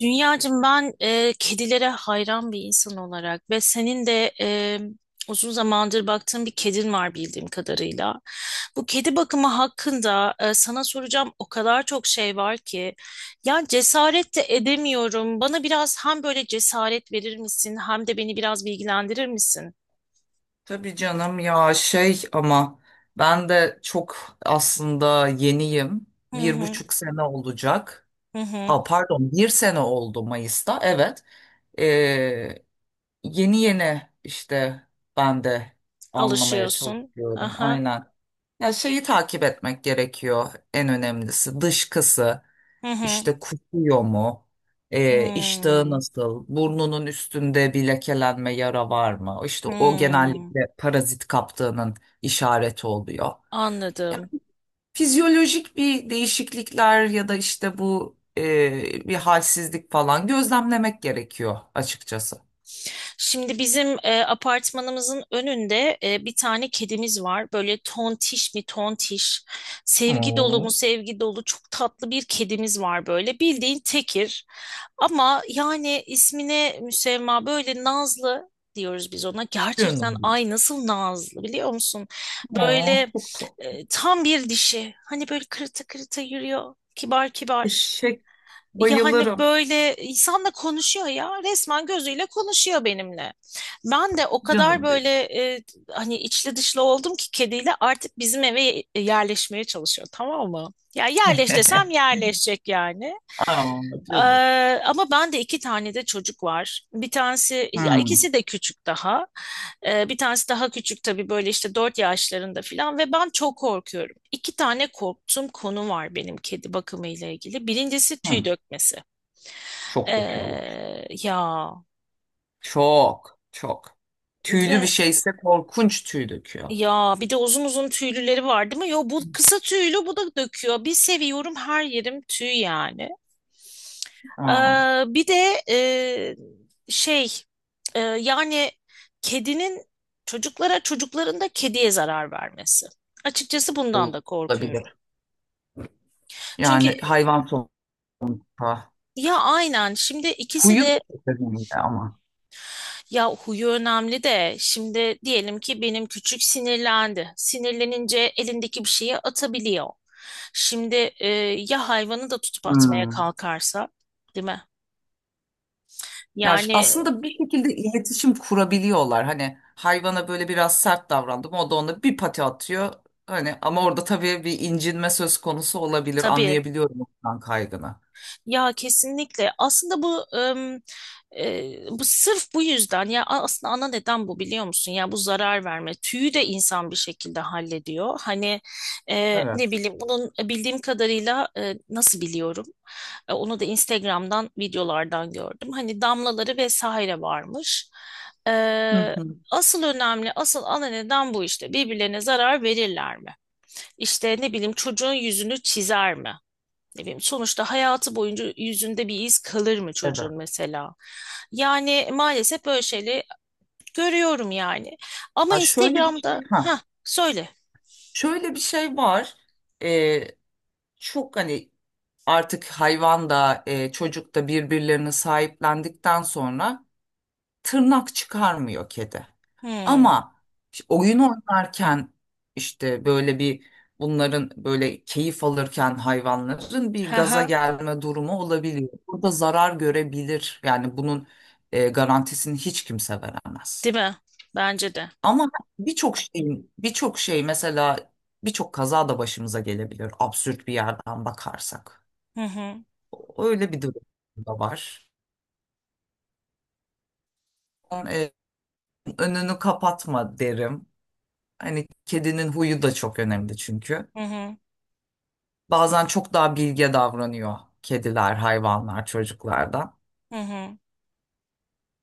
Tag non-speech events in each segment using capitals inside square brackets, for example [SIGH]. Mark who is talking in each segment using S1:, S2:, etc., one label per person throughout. S1: Dünyacığım ben kedilere hayran bir insan olarak ve senin de uzun zamandır baktığın bir kedin var bildiğim kadarıyla. Bu kedi bakımı hakkında sana soracağım o kadar çok şey var ki ya cesaret de edemiyorum. Bana biraz hem böyle cesaret verir misin hem de beni biraz bilgilendirir misin?
S2: Tabii canım ya şey ama ben de çok aslında yeniyim.
S1: Hı
S2: Bir
S1: hı.
S2: buçuk sene olacak.
S1: Hı hı,
S2: Aa, pardon bir sene oldu Mayıs'ta evet. Ee, yeni yeni işte ben de anlamaya
S1: alışıyorsun.
S2: çalışıyorum
S1: Aha,
S2: aynen. Ya şeyi takip etmek gerekiyor en önemlisi dışkısı.
S1: hı hı.
S2: İşte kusuyor mu? İştahı
S1: Hmm.
S2: nasıl? Burnunun üstünde bir lekelenme yara var mı? İşte o
S1: Hmm.
S2: genellikle parazit kaptığının işareti oluyor.
S1: Anladım.
S2: Fizyolojik bir değişiklikler ya da işte bu bir halsizlik falan gözlemlemek gerekiyor açıkçası.
S1: Şimdi bizim apartmanımızın önünde bir tane kedimiz var. Böyle tontiş mi tontiş, sevgi dolu mu
S2: Oo,
S1: sevgi dolu çok tatlı bir kedimiz var böyle. Bildiğin tekir ama yani ismine müsemma böyle nazlı diyoruz biz ona. Gerçekten
S2: canım benim.
S1: ay nasıl nazlı biliyor musun?
S2: Oo,
S1: Böyle
S2: çok tatlı.
S1: tam bir dişi. Hani böyle kırıta kırıta yürüyor. Kibar kibar.
S2: Eşek
S1: Yani
S2: bayılırım
S1: böyle insanla konuşuyor ya resmen gözüyle konuşuyor benimle. Ben de o kadar
S2: canım
S1: böyle
S2: benim.
S1: e, hani içli dışlı oldum ki kediyle artık bizim eve yerleşmeye çalışıyor, tamam mı? Ya yerleş desem
S2: [LAUGHS]
S1: yerleşecek yani.
S2: Aa,
S1: Ee,
S2: canım.
S1: ama ben de iki tane de çocuk var. Bir tanesi, ya
S2: Hmm,
S1: ikisi de küçük daha. Bir tanesi daha küçük tabii böyle işte 4 yaşlarında falan ve ben çok korkuyorum. İki tane korktuğum konu var benim kedi bakımı ile ilgili. Birincisi tüy
S2: hmm.
S1: dökmesi.
S2: Çok döküyorlar.
S1: Ya
S2: Çok, çok.
S1: bir
S2: Tüylü bir
S1: de
S2: şeyse korkunç tüy döküyor.
S1: uzun uzun tüylüleri var değil mi? Yo, bu kısa tüylü, bu da döküyor. Bir seviyorum, her yerim tüy yani.
S2: Aa,
S1: Bir de şey, yani kedinin çocuklara, çocukların da kediye zarar vermesi. Açıkçası bundan da korkuyorum.
S2: olabilir.
S1: Çünkü
S2: Yani hayvan sonuçta.
S1: ya aynen şimdi ikisi
S2: Kuyu da
S1: de.
S2: çok önemli ama.
S1: Ya huyu önemli de şimdi diyelim ki benim küçük sinirlendi. Sinirlenince elindeki bir şeyi atabiliyor. Şimdi ya hayvanı da tutup atmaya
S2: Hmm.
S1: kalkarsa, değil mi? Yani
S2: Aslında bir şekilde iletişim kurabiliyorlar. Hani hayvana böyle biraz sert davrandım. O da ona bir pati atıyor. Hani ama orada tabii bir incinme söz konusu olabilir.
S1: tabii.
S2: Anlayabiliyorum ondan kaygını.
S1: Ya kesinlikle. Aslında bu sırf bu yüzden, ya aslında ana neden bu biliyor musun? Ya bu zarar verme. Tüyü de insan bir şekilde hallediyor. Hani ne
S2: Evet.
S1: bileyim bunun, bildiğim kadarıyla nasıl biliyorum? Onu da Instagram'dan, videolardan gördüm. Hani damlaları vesaire varmış.
S2: Hı
S1: E,
S2: hı.
S1: asıl önemli, asıl ana neden bu işte. Birbirlerine zarar verirler mi? İşte ne bileyim, çocuğun yüzünü çizer mi? Ne bileyim, sonuçta hayatı boyunca yüzünde bir iz kalır mı
S2: Evet.
S1: çocuğun mesela? Yani maalesef böyle şeyleri görüyorum yani. Ama
S2: Ha şöyle bir
S1: Instagram'da,
S2: şey ha.
S1: ha söyle.
S2: Şöyle bir şey var. Ee, çok hani artık hayvan da çocuk da birbirlerini sahiplendikten sonra tırnak çıkarmıyor kedi.
S1: Hmm.
S2: Ama işte oyun oynarken işte böyle bir bunların böyle keyif alırken hayvanların bir
S1: Ha ha.
S2: gaza gelme durumu olabiliyor. Burada zarar görebilir. Yani bunun garantisini hiç kimse veremez.
S1: Değil mi? Bence de.
S2: Ama birçok şeyin birçok şey mesela birçok kaza da başımıza gelebilir absürt bir yerden bakarsak.
S1: Hı hı.
S2: Öyle bir durum da var. E, önünü kapatma derim. Hani kedinin huyu da çok önemli çünkü.
S1: Hı hı.
S2: Bazen çok daha bilge davranıyor kediler, hayvanlar çocuklardan.
S1: Hı hı.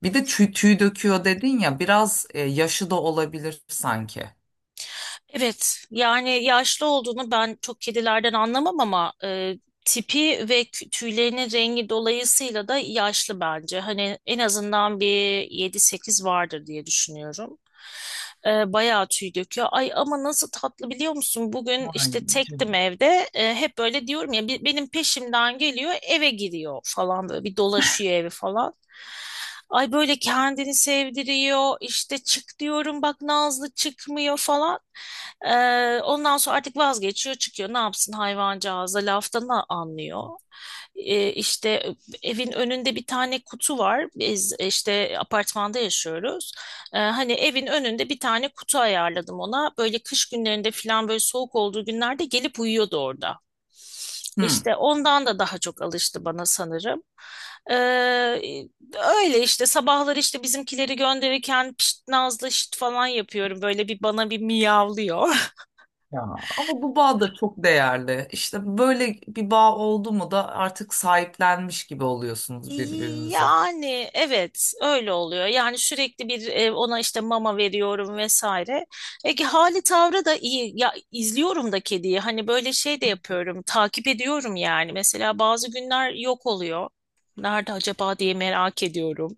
S2: Bir de tüy döküyor dedin ya biraz yaşı da olabilir sanki.
S1: Evet, yani yaşlı olduğunu ben çok kedilerden anlamam ama tipi ve tüylerinin rengi dolayısıyla da yaşlı bence. Hani en azından bir 7-8 vardır diye düşünüyorum. Bayağı tüy döküyor. Ay ama nasıl tatlı biliyor musun? Bugün
S2: Ay
S1: işte tektim
S2: canım
S1: evde. Hep böyle diyorum ya, benim peşimden geliyor, eve giriyor falan, böyle bir dolaşıyor evi falan. Ay böyle kendini sevdiriyor işte, çık diyorum, bak Nazlı çıkmıyor falan. E, ondan sonra artık vazgeçiyor çıkıyor, ne yapsın, hayvancağız da laftan anlıyor. İşte evin önünde bir tane kutu var, biz işte apartmanda yaşıyoruz. Hani evin önünde bir tane kutu ayarladım ona. Böyle kış günlerinde falan, böyle soğuk olduğu günlerde gelip uyuyordu orada.
S2: Hmm.
S1: İşte ondan da daha çok alıştı bana sanırım. Ee, öyle işte sabahları işte bizimkileri gönderirken pişt Nazlı, şit falan yapıyorum. Böyle bir bana bir miyavlıyor.
S2: ya. Ama bu bağ da çok değerli. İşte böyle bir bağ oldu mu da artık sahiplenmiş gibi oluyorsunuz birbirinize.
S1: Yani evet, öyle oluyor. Yani sürekli bir, ona işte mama veriyorum vesaire. Hali tavrı da iyi. Ya izliyorum da kediyi. Hani böyle şey de yapıyorum. Takip ediyorum yani. Mesela bazı günler yok oluyor. Nerede acaba diye merak ediyorum.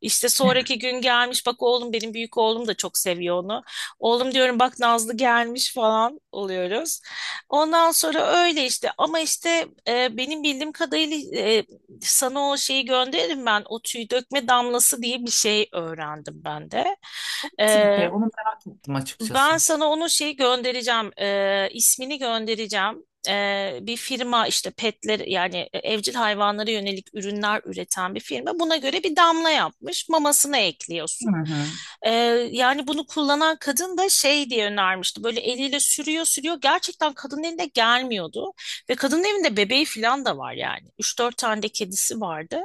S1: İşte sonraki gün gelmiş. Bak oğlum, benim büyük oğlum da çok seviyor onu. Oğlum, diyorum, bak Nazlı gelmiş falan oluyoruz. Ondan sonra öyle işte, ama işte benim bildiğim kadarıyla sana o şeyi gönderirim ben. O tüy dökme damlası diye bir şey öğrendim ben de.
S2: O nasıl bir
S1: Ee,
S2: şey? Onu merak ettim
S1: ben
S2: açıkçası.
S1: sana onu, şeyi göndereceğim. İsmini göndereceğim. Bir firma işte, petler yani evcil hayvanlara yönelik ürünler üreten bir firma. Buna göre bir damla yapmış. Mamasına ekliyorsun.
S2: Hı hı.
S1: Ee, yani bunu kullanan kadın da şey diye önermişti. Böyle eliyle sürüyor sürüyor. Gerçekten kadının eline gelmiyordu. Ve kadının evinde bebeği falan da var yani. Üç dört tane de kedisi vardı.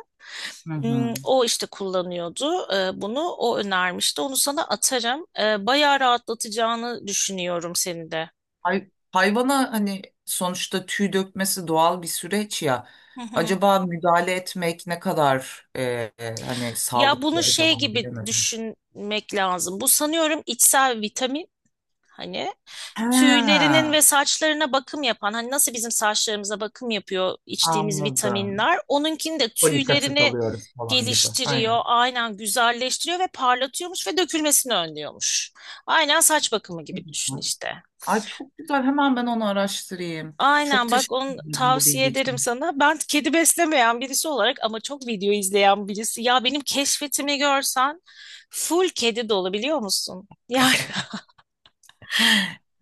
S2: Hı hı.
S1: Hmm. O işte kullanıyordu bunu. O önermişti. Onu sana atarım. Bayağı rahatlatacağını düşünüyorum seni de.
S2: Hayvana hani sonuçta tüy dökmesi doğal bir süreç ya.
S1: Hı hı.
S2: Acaba müdahale etmek ne kadar hani
S1: Ya bunu
S2: sağlıklı
S1: şey
S2: acaba
S1: gibi
S2: bilemedim.
S1: düşünmek lazım. Bu sanıyorum içsel vitamin. Hani
S2: Ha,
S1: tüylerinin ve saçlarına bakım yapan. Hani nasıl bizim saçlarımıza bakım yapıyor içtiğimiz
S2: anladım.
S1: vitaminler. Onunkini de
S2: Folik
S1: tüylerini
S2: alıyoruz falan gibi.
S1: geliştiriyor.
S2: Aynen.
S1: Aynen, güzelleştiriyor ve parlatıyormuş ve dökülmesini önlüyormuş. Aynen saç bakımı
S2: Ne
S1: gibi düşün
S2: güzel.
S1: işte.
S2: Ay çok güzel. Hemen ben onu araştırayım. Çok
S1: Aynen, bak
S2: teşekkür
S1: onu
S2: ederim bu
S1: tavsiye
S2: bilgi
S1: ederim
S2: için.
S1: sana. Ben kedi beslemeyen birisi olarak ama çok video izleyen birisi. Ya benim keşfetimi görsen full kedi dolu biliyor musun? Yani
S2: [LAUGHS]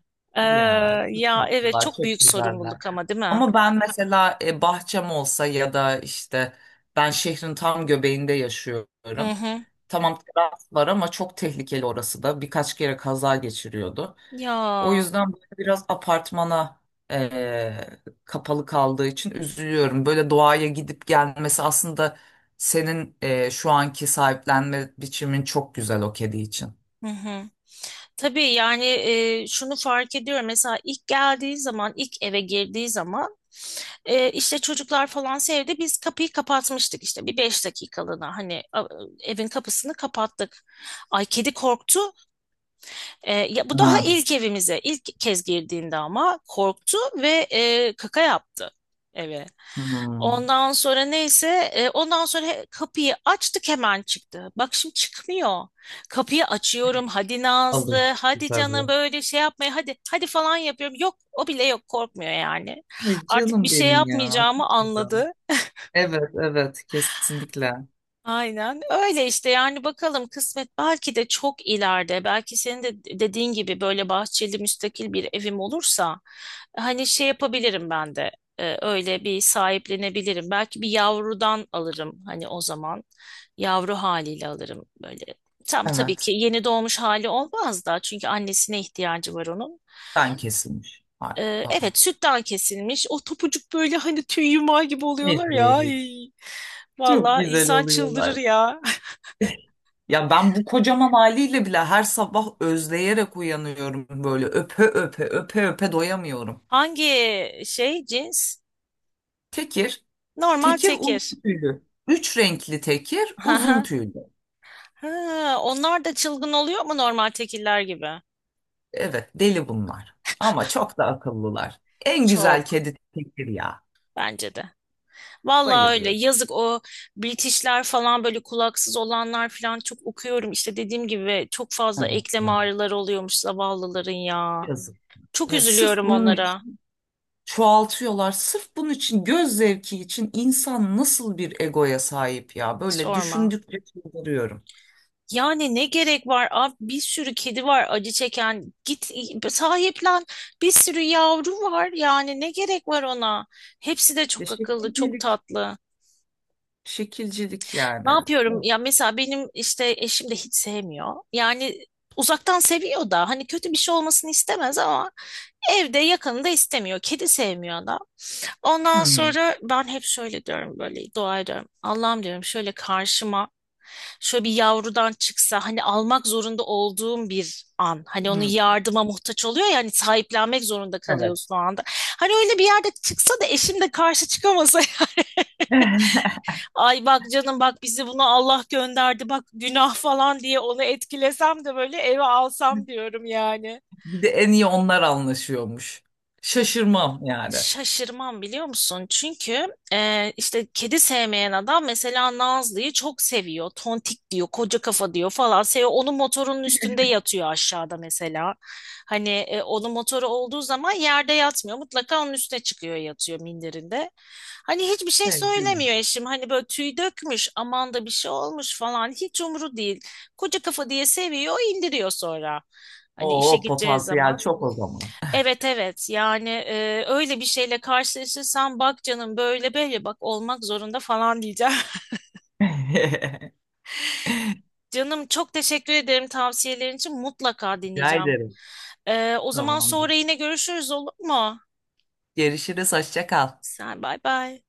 S1: [LAUGHS] eee,
S2: Ya çok
S1: ya evet,
S2: tatlılar,
S1: çok
S2: çok
S1: büyük
S2: güzeller.
S1: sorumluluk ama, değil mi?
S2: Ama ben mesela bahçem olsa ya da işte ben şehrin tam göbeğinde
S1: Hı
S2: yaşıyorum.
S1: hı.
S2: Tamam teras var ama çok tehlikeli orası da. Birkaç kere kaza geçiriyordu. O
S1: Ya.
S2: yüzden böyle biraz apartmana e, kapalı kaldığı için üzülüyorum. Böyle doğaya gidip gelmesi aslında senin şu anki sahiplenme biçimin çok güzel o kedi için.
S1: Hı hı. Tabii yani, şunu fark ediyorum. Mesela ilk geldiği zaman, ilk eve girdiği zaman işte çocuklar falan sevdi. Biz kapıyı kapatmıştık işte bir 5 dakikalığına. Hani evin kapısını kapattık. Ay kedi korktu. Ya bu daha
S2: Ha.
S1: ilk evimize, ilk kez girdiğinde ama korktu ve kaka yaptı eve.
S2: Hmm.
S1: Ondan sonra neyse, ondan sonra kapıyı açtık, hemen çıktı. Bak şimdi çıkmıyor. Kapıyı açıyorum. Hadi Nazlı,
S2: Alıştı
S1: hadi canım,
S2: tabii.
S1: böyle şey yapmaya, hadi hadi falan yapıyorum. Yok, o bile yok, korkmuyor yani.
S2: Ay,
S1: Artık bir
S2: canım
S1: şey
S2: benim ya. Çok
S1: yapmayacağımı
S2: güzel.
S1: anladı.
S2: Evet, evet, kesinlikle.
S1: Aynen öyle işte, yani bakalım, kısmet. Belki de çok ileride, belki senin de dediğin gibi böyle bahçeli müstakil bir evim olursa, hani şey yapabilirim ben de, öyle bir sahiplenebilirim. Belki bir yavrudan alırım hani, o zaman yavru haliyle alırım böyle, tam tabii ki
S2: Evet,
S1: yeni doğmuş hali olmaz da, çünkü annesine ihtiyacı var onun.
S2: ben kesilmiş. Harika falan.
S1: Evet, sütten kesilmiş o topucuk, böyle hani tüy yumağı gibi
S2: Evet,
S1: oluyorlar ya. Ay.
S2: çok
S1: Vallahi
S2: güzel
S1: insan çıldırır
S2: oluyorlar.
S1: ya.
S2: Ya ben bu kocaman haliyle bile her sabah özleyerek uyanıyorum böyle öpe öpe öpe öpe doyamıyorum.
S1: Hangi şey, cins?
S2: Tekir,
S1: Normal
S2: tekir uzun
S1: tekir.
S2: tüylü. Üç renkli tekir
S1: [LAUGHS]
S2: uzun
S1: Haha.
S2: tüylü.
S1: Ha, onlar da çılgın oluyor mu normal tekiller gibi?
S2: Evet deli bunlar ama çok da akıllılar. En
S1: Çok,
S2: güzel kedi tekir ya.
S1: bence de. Vallahi öyle.
S2: Bayılıyorum.
S1: Yazık o British'ler falan, böyle kulaksız olanlar falan, çok okuyorum. İşte dediğim gibi, çok fazla
S2: Evet
S1: eklem
S2: ya.
S1: ağrıları oluyormuş zavallıların ya.
S2: Yazık.
S1: Çok
S2: Evet, sırf
S1: üzülüyorum
S2: bunun
S1: onlara.
S2: çoğaltıyorlar. Sırf bunun için göz zevki için insan nasıl bir egoya sahip ya? Böyle
S1: Sorma.
S2: düşündükçe çıldırıyorum.
S1: Yani ne gerek var abi, bir sürü kedi var acı çeken, git sahiplen, bir sürü yavru var yani, ne gerek var ona. Hepsi de
S2: Ya
S1: çok akıllı, çok
S2: şekilcilik.
S1: tatlı.
S2: Şekilcilik
S1: Ne
S2: yani.
S1: yapıyorum
S2: Hı
S1: ya, mesela benim işte eşim de hiç sevmiyor yani. Uzaktan seviyor da hani, kötü bir şey olmasını istemez ama evde yakını da istemiyor, kedi sevmiyor adam. Ondan
S2: hı.
S1: sonra ben hep şöyle diyorum, böyle dua ediyorum. Allah'ım, diyorum, şöyle karşıma şöyle bir yavrudan çıksa, hani almak zorunda olduğum bir an. Hani onun
S2: Hı.
S1: yardıma muhtaç oluyor ya, hani sahiplenmek zorunda
S2: Evet.
S1: kalıyorsun o anda. Hani öyle bir yerde çıksa da eşim de karşı çıkamasa [LAUGHS]
S2: [LAUGHS]
S1: ay bak canım, bak bizi, bunu Allah gönderdi bak, günah falan diye onu etkilesem de böyle, eve alsam diyorum yani.
S2: Bir de en iyi onlar anlaşıyormuş. Şaşırmam yani.
S1: Şaşırmam biliyor musun? Çünkü işte kedi sevmeyen adam mesela Nazlı'yı çok seviyor. Tontik diyor, koca kafa diyor falan. Seviyor. Onun motorunun üstünde yatıyor aşağıda mesela. Hani onun motoru olduğu zaman yerde yatmıyor. Mutlaka onun üstüne çıkıyor, yatıyor minderinde. Hani hiçbir şey
S2: Evet, değil mi?
S1: söylemiyor eşim. Hani böyle tüy dökmüş, aman da bir şey olmuş falan. Hiç umuru değil. Koca kafa diye seviyor, indiriyor sonra. Hani işe
S2: Oo,
S1: gideceği
S2: potansiyel
S1: zaman.
S2: çok o zaman.
S1: Evet, evet, yani öyle bir şeyle karşılaşırsan bak canım, böyle böyle bak, olmak zorunda falan diyeceğim.
S2: [LAUGHS]
S1: [LAUGHS] Canım çok teşekkür ederim tavsiyelerin için, mutlaka
S2: Rica
S1: dinleyeceğim.
S2: ederim.
S1: O zaman
S2: Tamamdır.
S1: sonra yine görüşürüz, olur mu?
S2: Görüşürüz. Hoşça kal.
S1: Sen bay bay.